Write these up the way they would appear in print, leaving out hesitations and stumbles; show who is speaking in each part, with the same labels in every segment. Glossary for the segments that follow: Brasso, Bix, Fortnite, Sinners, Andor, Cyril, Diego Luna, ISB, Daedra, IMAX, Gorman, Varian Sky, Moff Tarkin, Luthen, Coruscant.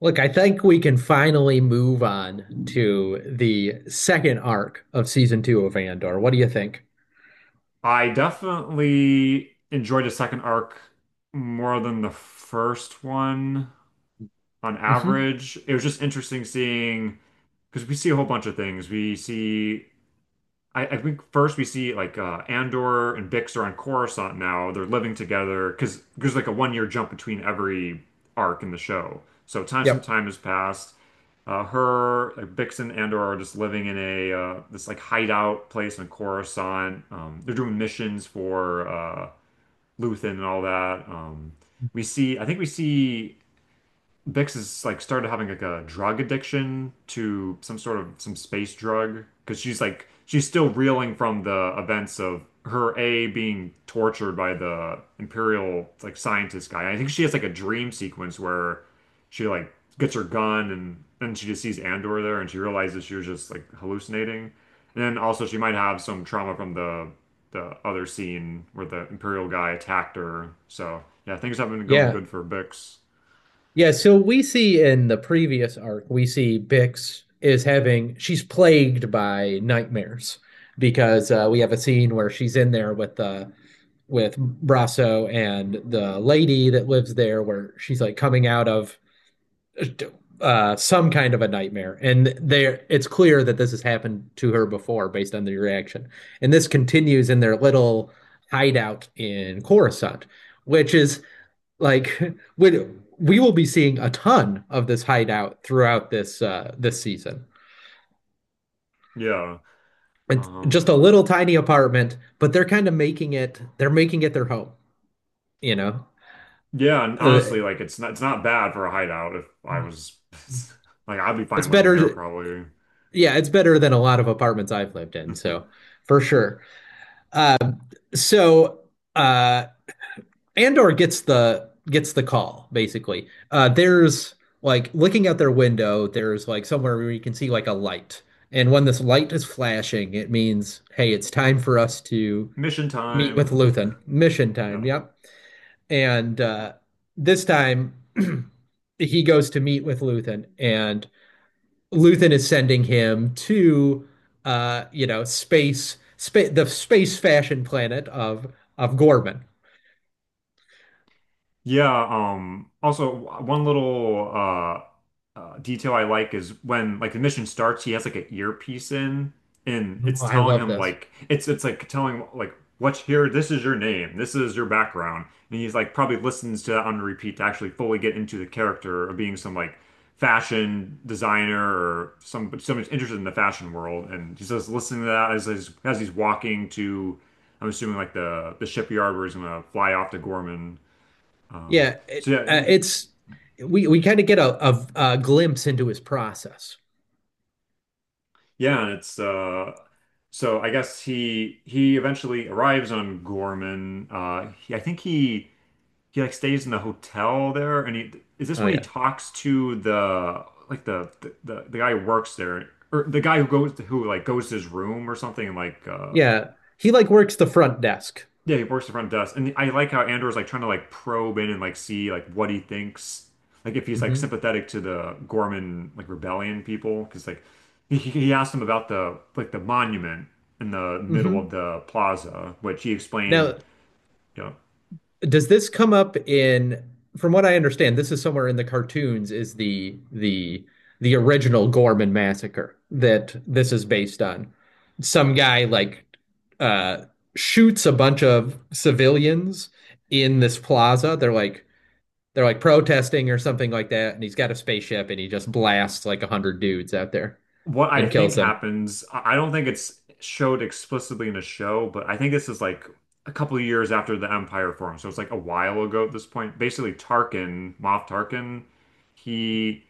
Speaker 1: Look, I think we can finally move on to the second arc of season two of Andor. What do you think?
Speaker 2: I definitely enjoyed the second arc more than the first one on
Speaker 1: Hmm.
Speaker 2: average. It was just interesting seeing because we see a whole bunch of things. I think first we see like Andor and Bix are on Coruscant now. They're living together because there's like a 1 year jump between every arc in the show. So time some
Speaker 1: Yep.
Speaker 2: time has passed. Her like Bix and Andor are just living in a this like hideout place in Coruscant. They're doing missions for Luthen and all that. We
Speaker 1: Mhm.
Speaker 2: see I think we see Bix is like started having like a drug addiction to some sort of some space drug because she's still reeling from the events of her A being tortured by the Imperial like scientist guy. I think she has like a dream sequence where she like gets her gun and then she just sees Andor there and she realizes she was just like hallucinating. And then also she might have some trauma from the other scene where the Imperial guy attacked her. So yeah, things haven't been going
Speaker 1: Yeah.
Speaker 2: good for Bix.
Speaker 1: Yeah. So we see in the previous arc, we see Bix is having, she's plagued by nightmares because we have a scene where she's in there with Brasso and the lady that lives there, where she's like coming out of some kind of a nightmare, and there it's clear that this has happened to her before based on the reaction, and this continues in their little hideout in Coruscant, which is like we we will be seeing a ton of this hideout throughout this this season.
Speaker 2: Yeah.
Speaker 1: It's just
Speaker 2: Um,
Speaker 1: a little tiny apartment, but they're kind of making it, they're making it their home, you know.
Speaker 2: yeah, and
Speaker 1: Uh,
Speaker 2: honestly, like it's not bad for a hideout if I was like I'd be
Speaker 1: It's
Speaker 2: fine living there
Speaker 1: better,
Speaker 2: probably.
Speaker 1: yeah, it's better than a lot of apartments I've lived in, so for sure. Uh, so uh, Andor gets the call basically. There's like looking out their window, there's like somewhere where you can see like a light, and when this light is flashing, it means hey, it's time for us to
Speaker 2: Mission
Speaker 1: meet with
Speaker 2: time.
Speaker 1: Luthen. Mission time,
Speaker 2: Yeah.
Speaker 1: yep. And this time he goes to meet with Luthen, and Luthen is sending him to you know space spa the space fashion planet of Gorman.
Speaker 2: Yeah, also one little detail I like is when like the mission starts, he has like an earpiece in and
Speaker 1: Oh,
Speaker 2: it's
Speaker 1: I
Speaker 2: telling
Speaker 1: love
Speaker 2: him
Speaker 1: this.
Speaker 2: like it's like telling him like what's here, this is your name, this is your background. And he's like probably listens to that on repeat to actually fully get into the character of being some like fashion designer or some someone's interested in the fashion world and he's just listening to that as he's walking to I'm assuming like the shipyard where he's gonna fly off to Gorman. Um,
Speaker 1: Yeah,
Speaker 2: so
Speaker 1: it,
Speaker 2: yeah, he,
Speaker 1: it's we kind of get a glimpse into his process.
Speaker 2: yeah, and it's so I guess he eventually arrives on Gorman. I think he like stays in the hotel there, and he is this
Speaker 1: Oh
Speaker 2: when he
Speaker 1: yeah.
Speaker 2: talks to the like the guy who works there or the guy who goes to, who like goes to his room or something and
Speaker 1: Yeah, he like works the front desk.
Speaker 2: yeah, he works the front desk, and I like how Andor's like trying to like probe in and like see like what he thinks, like if he's like
Speaker 1: Hmm.
Speaker 2: sympathetic to the Gorman like rebellion people, because like he asked him about the like the monument in the middle of
Speaker 1: Hmm.
Speaker 2: the plaza, which he explained,
Speaker 1: Now,
Speaker 2: you know,
Speaker 1: does this come up in, from what I understand, this is somewhere in the cartoons, is the original Gorman massacre that this is based on. Some guy like uh shoots a bunch of civilians in this plaza. They're like protesting or something like that, and he's got a spaceship and he just blasts like a hundred dudes out there
Speaker 2: what I
Speaker 1: and
Speaker 2: think
Speaker 1: kills them.
Speaker 2: happens. I don't think it's showed explicitly in the show, but I think this is like a couple of years after the Empire formed, so it's like a while ago at this point. Basically, Tarkin, Moff Tarkin, he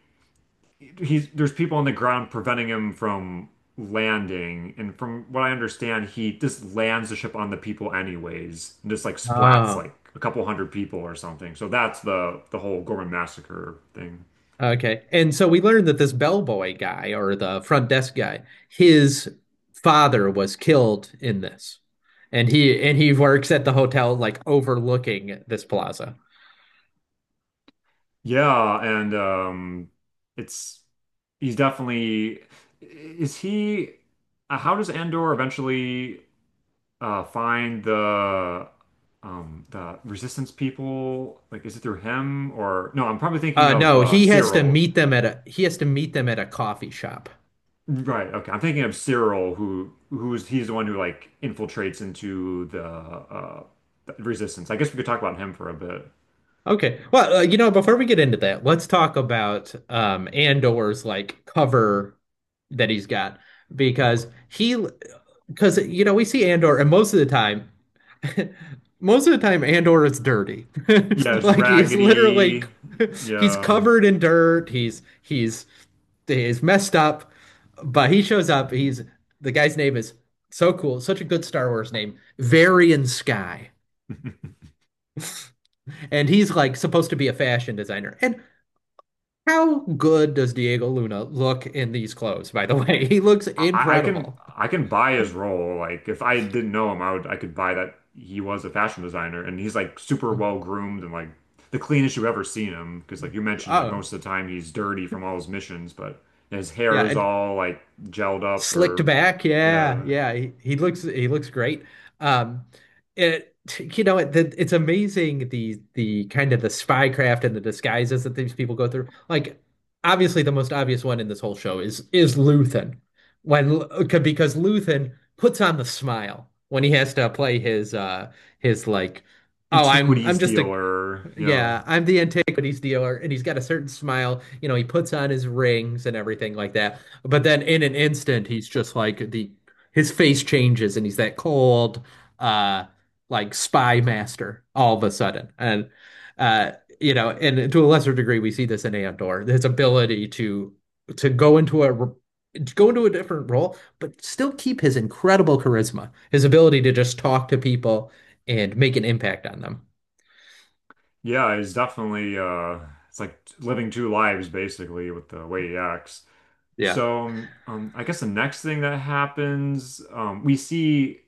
Speaker 2: he's there's people on the ground preventing him from landing, and from what I understand, he just lands the ship on the people anyways, and just like splats
Speaker 1: Ah,
Speaker 2: like a couple hundred people or something. So that's the whole Gorman massacre thing.
Speaker 1: okay. And so we learned that this bellboy guy or the front desk guy, his father was killed in this. And he works at the hotel like overlooking this plaza.
Speaker 2: Yeah, and it's he's definitely is he how does Andor eventually find the resistance people? Like is it through him or no, I'm probably thinking of
Speaker 1: No, he has to
Speaker 2: Cyril.
Speaker 1: meet them at a he has to meet them at a coffee shop.
Speaker 2: Right. Okay. I'm thinking of Cyril, who who's he's the one who like infiltrates into the resistance. I guess we could talk about him for a bit.
Speaker 1: Okay. Well, you know, before we get into that, let's talk about Andor's like cover that he's got because he because you know, we see Andor and most of the time most of the time, Andor is dirty.
Speaker 2: Yeah, it's
Speaker 1: Like he's literally
Speaker 2: Raggedy.
Speaker 1: he's
Speaker 2: Yeah.
Speaker 1: covered in dirt. He's he's messed up, but he shows up. He's the guy's name is so cool, such a good Star Wars name, Varian Sky. And he's like supposed to be a fashion designer. And how good does Diego Luna look in these clothes, by the way? He looks
Speaker 2: I can
Speaker 1: incredible.
Speaker 2: I can buy his role. Like if I didn't know him, I could buy that he was a fashion designer and he's like super well groomed and like the cleanest you've ever seen him. Because like you mentioned, like
Speaker 1: Oh,
Speaker 2: most of the time he's dirty from all his missions, but yeah, his
Speaker 1: yeah.
Speaker 2: hair is
Speaker 1: And
Speaker 2: all like gelled up
Speaker 1: slicked
Speaker 2: or
Speaker 1: back, yeah,
Speaker 2: yeah.
Speaker 1: yeah. He looks great. Um, it you know it, it's amazing the kind of the spycraft and the disguises that these people go through. Like obviously the most obvious one in this whole show is Luthen when because Luthen puts on the smile when he has to play his like oh I'm
Speaker 2: Antiquities
Speaker 1: just a
Speaker 2: dealer. Yeah.
Speaker 1: yeah, I'm the antiquities dealer, and he's got a certain smile. You know, he puts on his rings and everything like that. But then in an instant, he's just like the his face changes and he's that cold, uh, like spy master all of a sudden. And uh, you know, and to a lesser degree, we see this in Andor, his ability to go into a r- to go into a different role, but still keep his incredible charisma, his ability to just talk to people and make an impact on them.
Speaker 2: Yeah, he's definitely it's like living two lives basically with the way he acts.
Speaker 1: Yeah.
Speaker 2: So I guess the next thing that happens, we see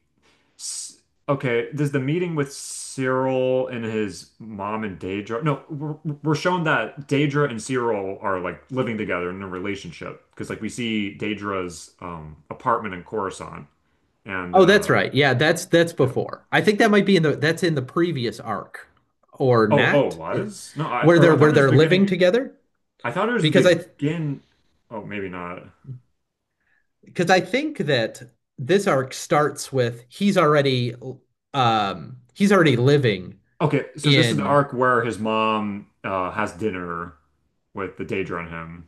Speaker 2: S- okay, does the meeting with Cyril and his mom and Daedra? No, we're shown that Daedra and Cyril are like living together in a relationship because like we see Daedra's apartment in Coruscant and
Speaker 1: Oh, that's right. Yeah, that's
Speaker 2: yeah.
Speaker 1: before. I think that might be in the that's in the previous arc or
Speaker 2: Oh, oh,
Speaker 1: not,
Speaker 2: was? No, I or I
Speaker 1: where
Speaker 2: thought it was
Speaker 1: they're living
Speaker 2: beginning.
Speaker 1: together.
Speaker 2: I thought it was
Speaker 1: Because
Speaker 2: the
Speaker 1: I
Speaker 2: begin. Oh, maybe not.
Speaker 1: because I think that this arc starts with he's already living
Speaker 2: Okay, so this is the
Speaker 1: in
Speaker 2: arc where his mom has dinner with the Daedra on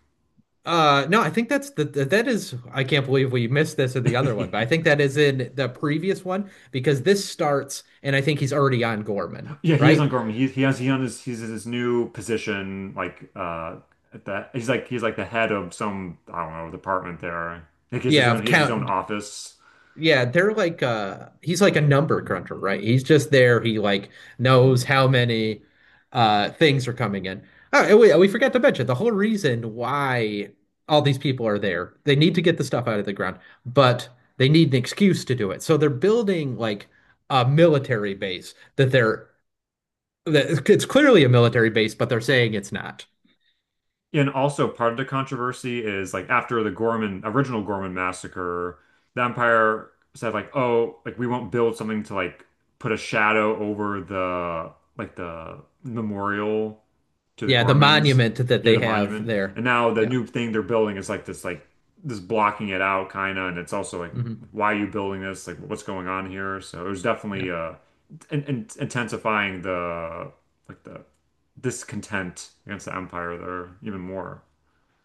Speaker 1: no, I think that's the that is I can't believe we missed this in the other one, but I
Speaker 2: him.
Speaker 1: think that is in the previous one because this starts and I think he's already on Gorman,
Speaker 2: Yeah, he is
Speaker 1: right?
Speaker 2: on Gorman. He has he on his he's in his new position. At the he's like the head of some I don't know department there. Like
Speaker 1: Yeah, of
Speaker 2: he has his own
Speaker 1: Count.
Speaker 2: office.
Speaker 1: Yeah, they're like he's like a number cruncher, right? He's just there. He like knows how many things are coming in. Oh, and we forgot to mention the whole reason why all these people are there. They need to get the stuff out of the ground, but they need an excuse to do it. So they're building like a military base that they're that it's clearly a military base, but they're saying it's not.
Speaker 2: And also part of the controversy is like after the Gorman original Gorman massacre, the Empire said like, oh, like we won't build something to like put a shadow over the memorial to the
Speaker 1: Yeah, the
Speaker 2: Gormans.
Speaker 1: monument that
Speaker 2: Yeah,
Speaker 1: they
Speaker 2: the
Speaker 1: have
Speaker 2: monument.
Speaker 1: there.
Speaker 2: And now the
Speaker 1: Yeah.
Speaker 2: new thing they're building is like this blocking it out kind of, and it's also like,
Speaker 1: Hmm.
Speaker 2: why are you building this? Like, what's going on here? So it was
Speaker 1: Yeah.
Speaker 2: definitely intensifying the like the discontent against the Empire there even more.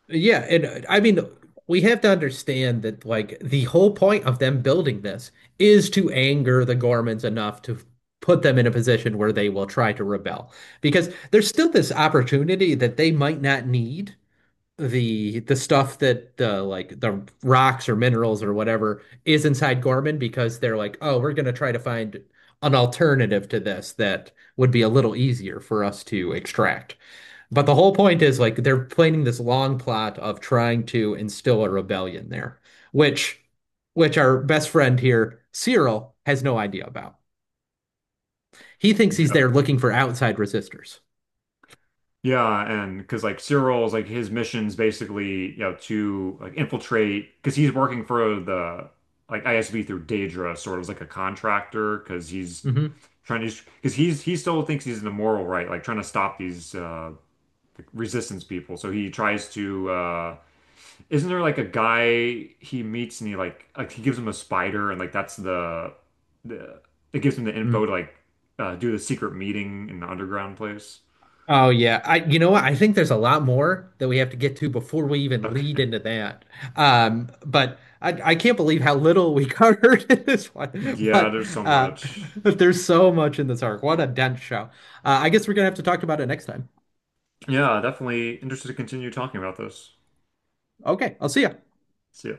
Speaker 1: Yeah, and I mean we have to understand that like the whole point of them building this is to anger the Gormans enough to put them in a position where they will try to rebel. Because there's still this opportunity that they might not need the stuff that the like the rocks or minerals or whatever is inside Gorman because they're like, oh, we're gonna try to find an alternative to this that would be a little easier for us to extract. But the whole point is like they're planning this long plot of trying to instill a rebellion there, which which our best friend here, Cyril, has no idea about. He thinks he's
Speaker 2: Yeah.
Speaker 1: there looking for outside resistors.
Speaker 2: Yeah, and because like Cyril's like his mission's basically, you know, to like infiltrate because he's working for the like ISB through Daedra, sort of as like a contractor, because he's
Speaker 1: Hmm.
Speaker 2: trying to because he's he still thinks he's in the moral right, like trying to stop these resistance people. So he tries to isn't there like a guy he meets and he like he gives him a spider and like that's the it gives him the info to like do the secret meeting in the underground place.
Speaker 1: Oh yeah, I you know what? I think there's a lot more that we have to get to before we even lead
Speaker 2: Okay.
Speaker 1: into that. But I can't believe how little we covered in this one.
Speaker 2: Yeah,
Speaker 1: But
Speaker 2: there's so
Speaker 1: uh,
Speaker 2: much.
Speaker 1: there's so much in this arc. What a dense show. I guess we're gonna have to talk about it next time.
Speaker 2: Yeah, definitely interested to continue talking about this.
Speaker 1: Okay, I'll see you.
Speaker 2: See ya.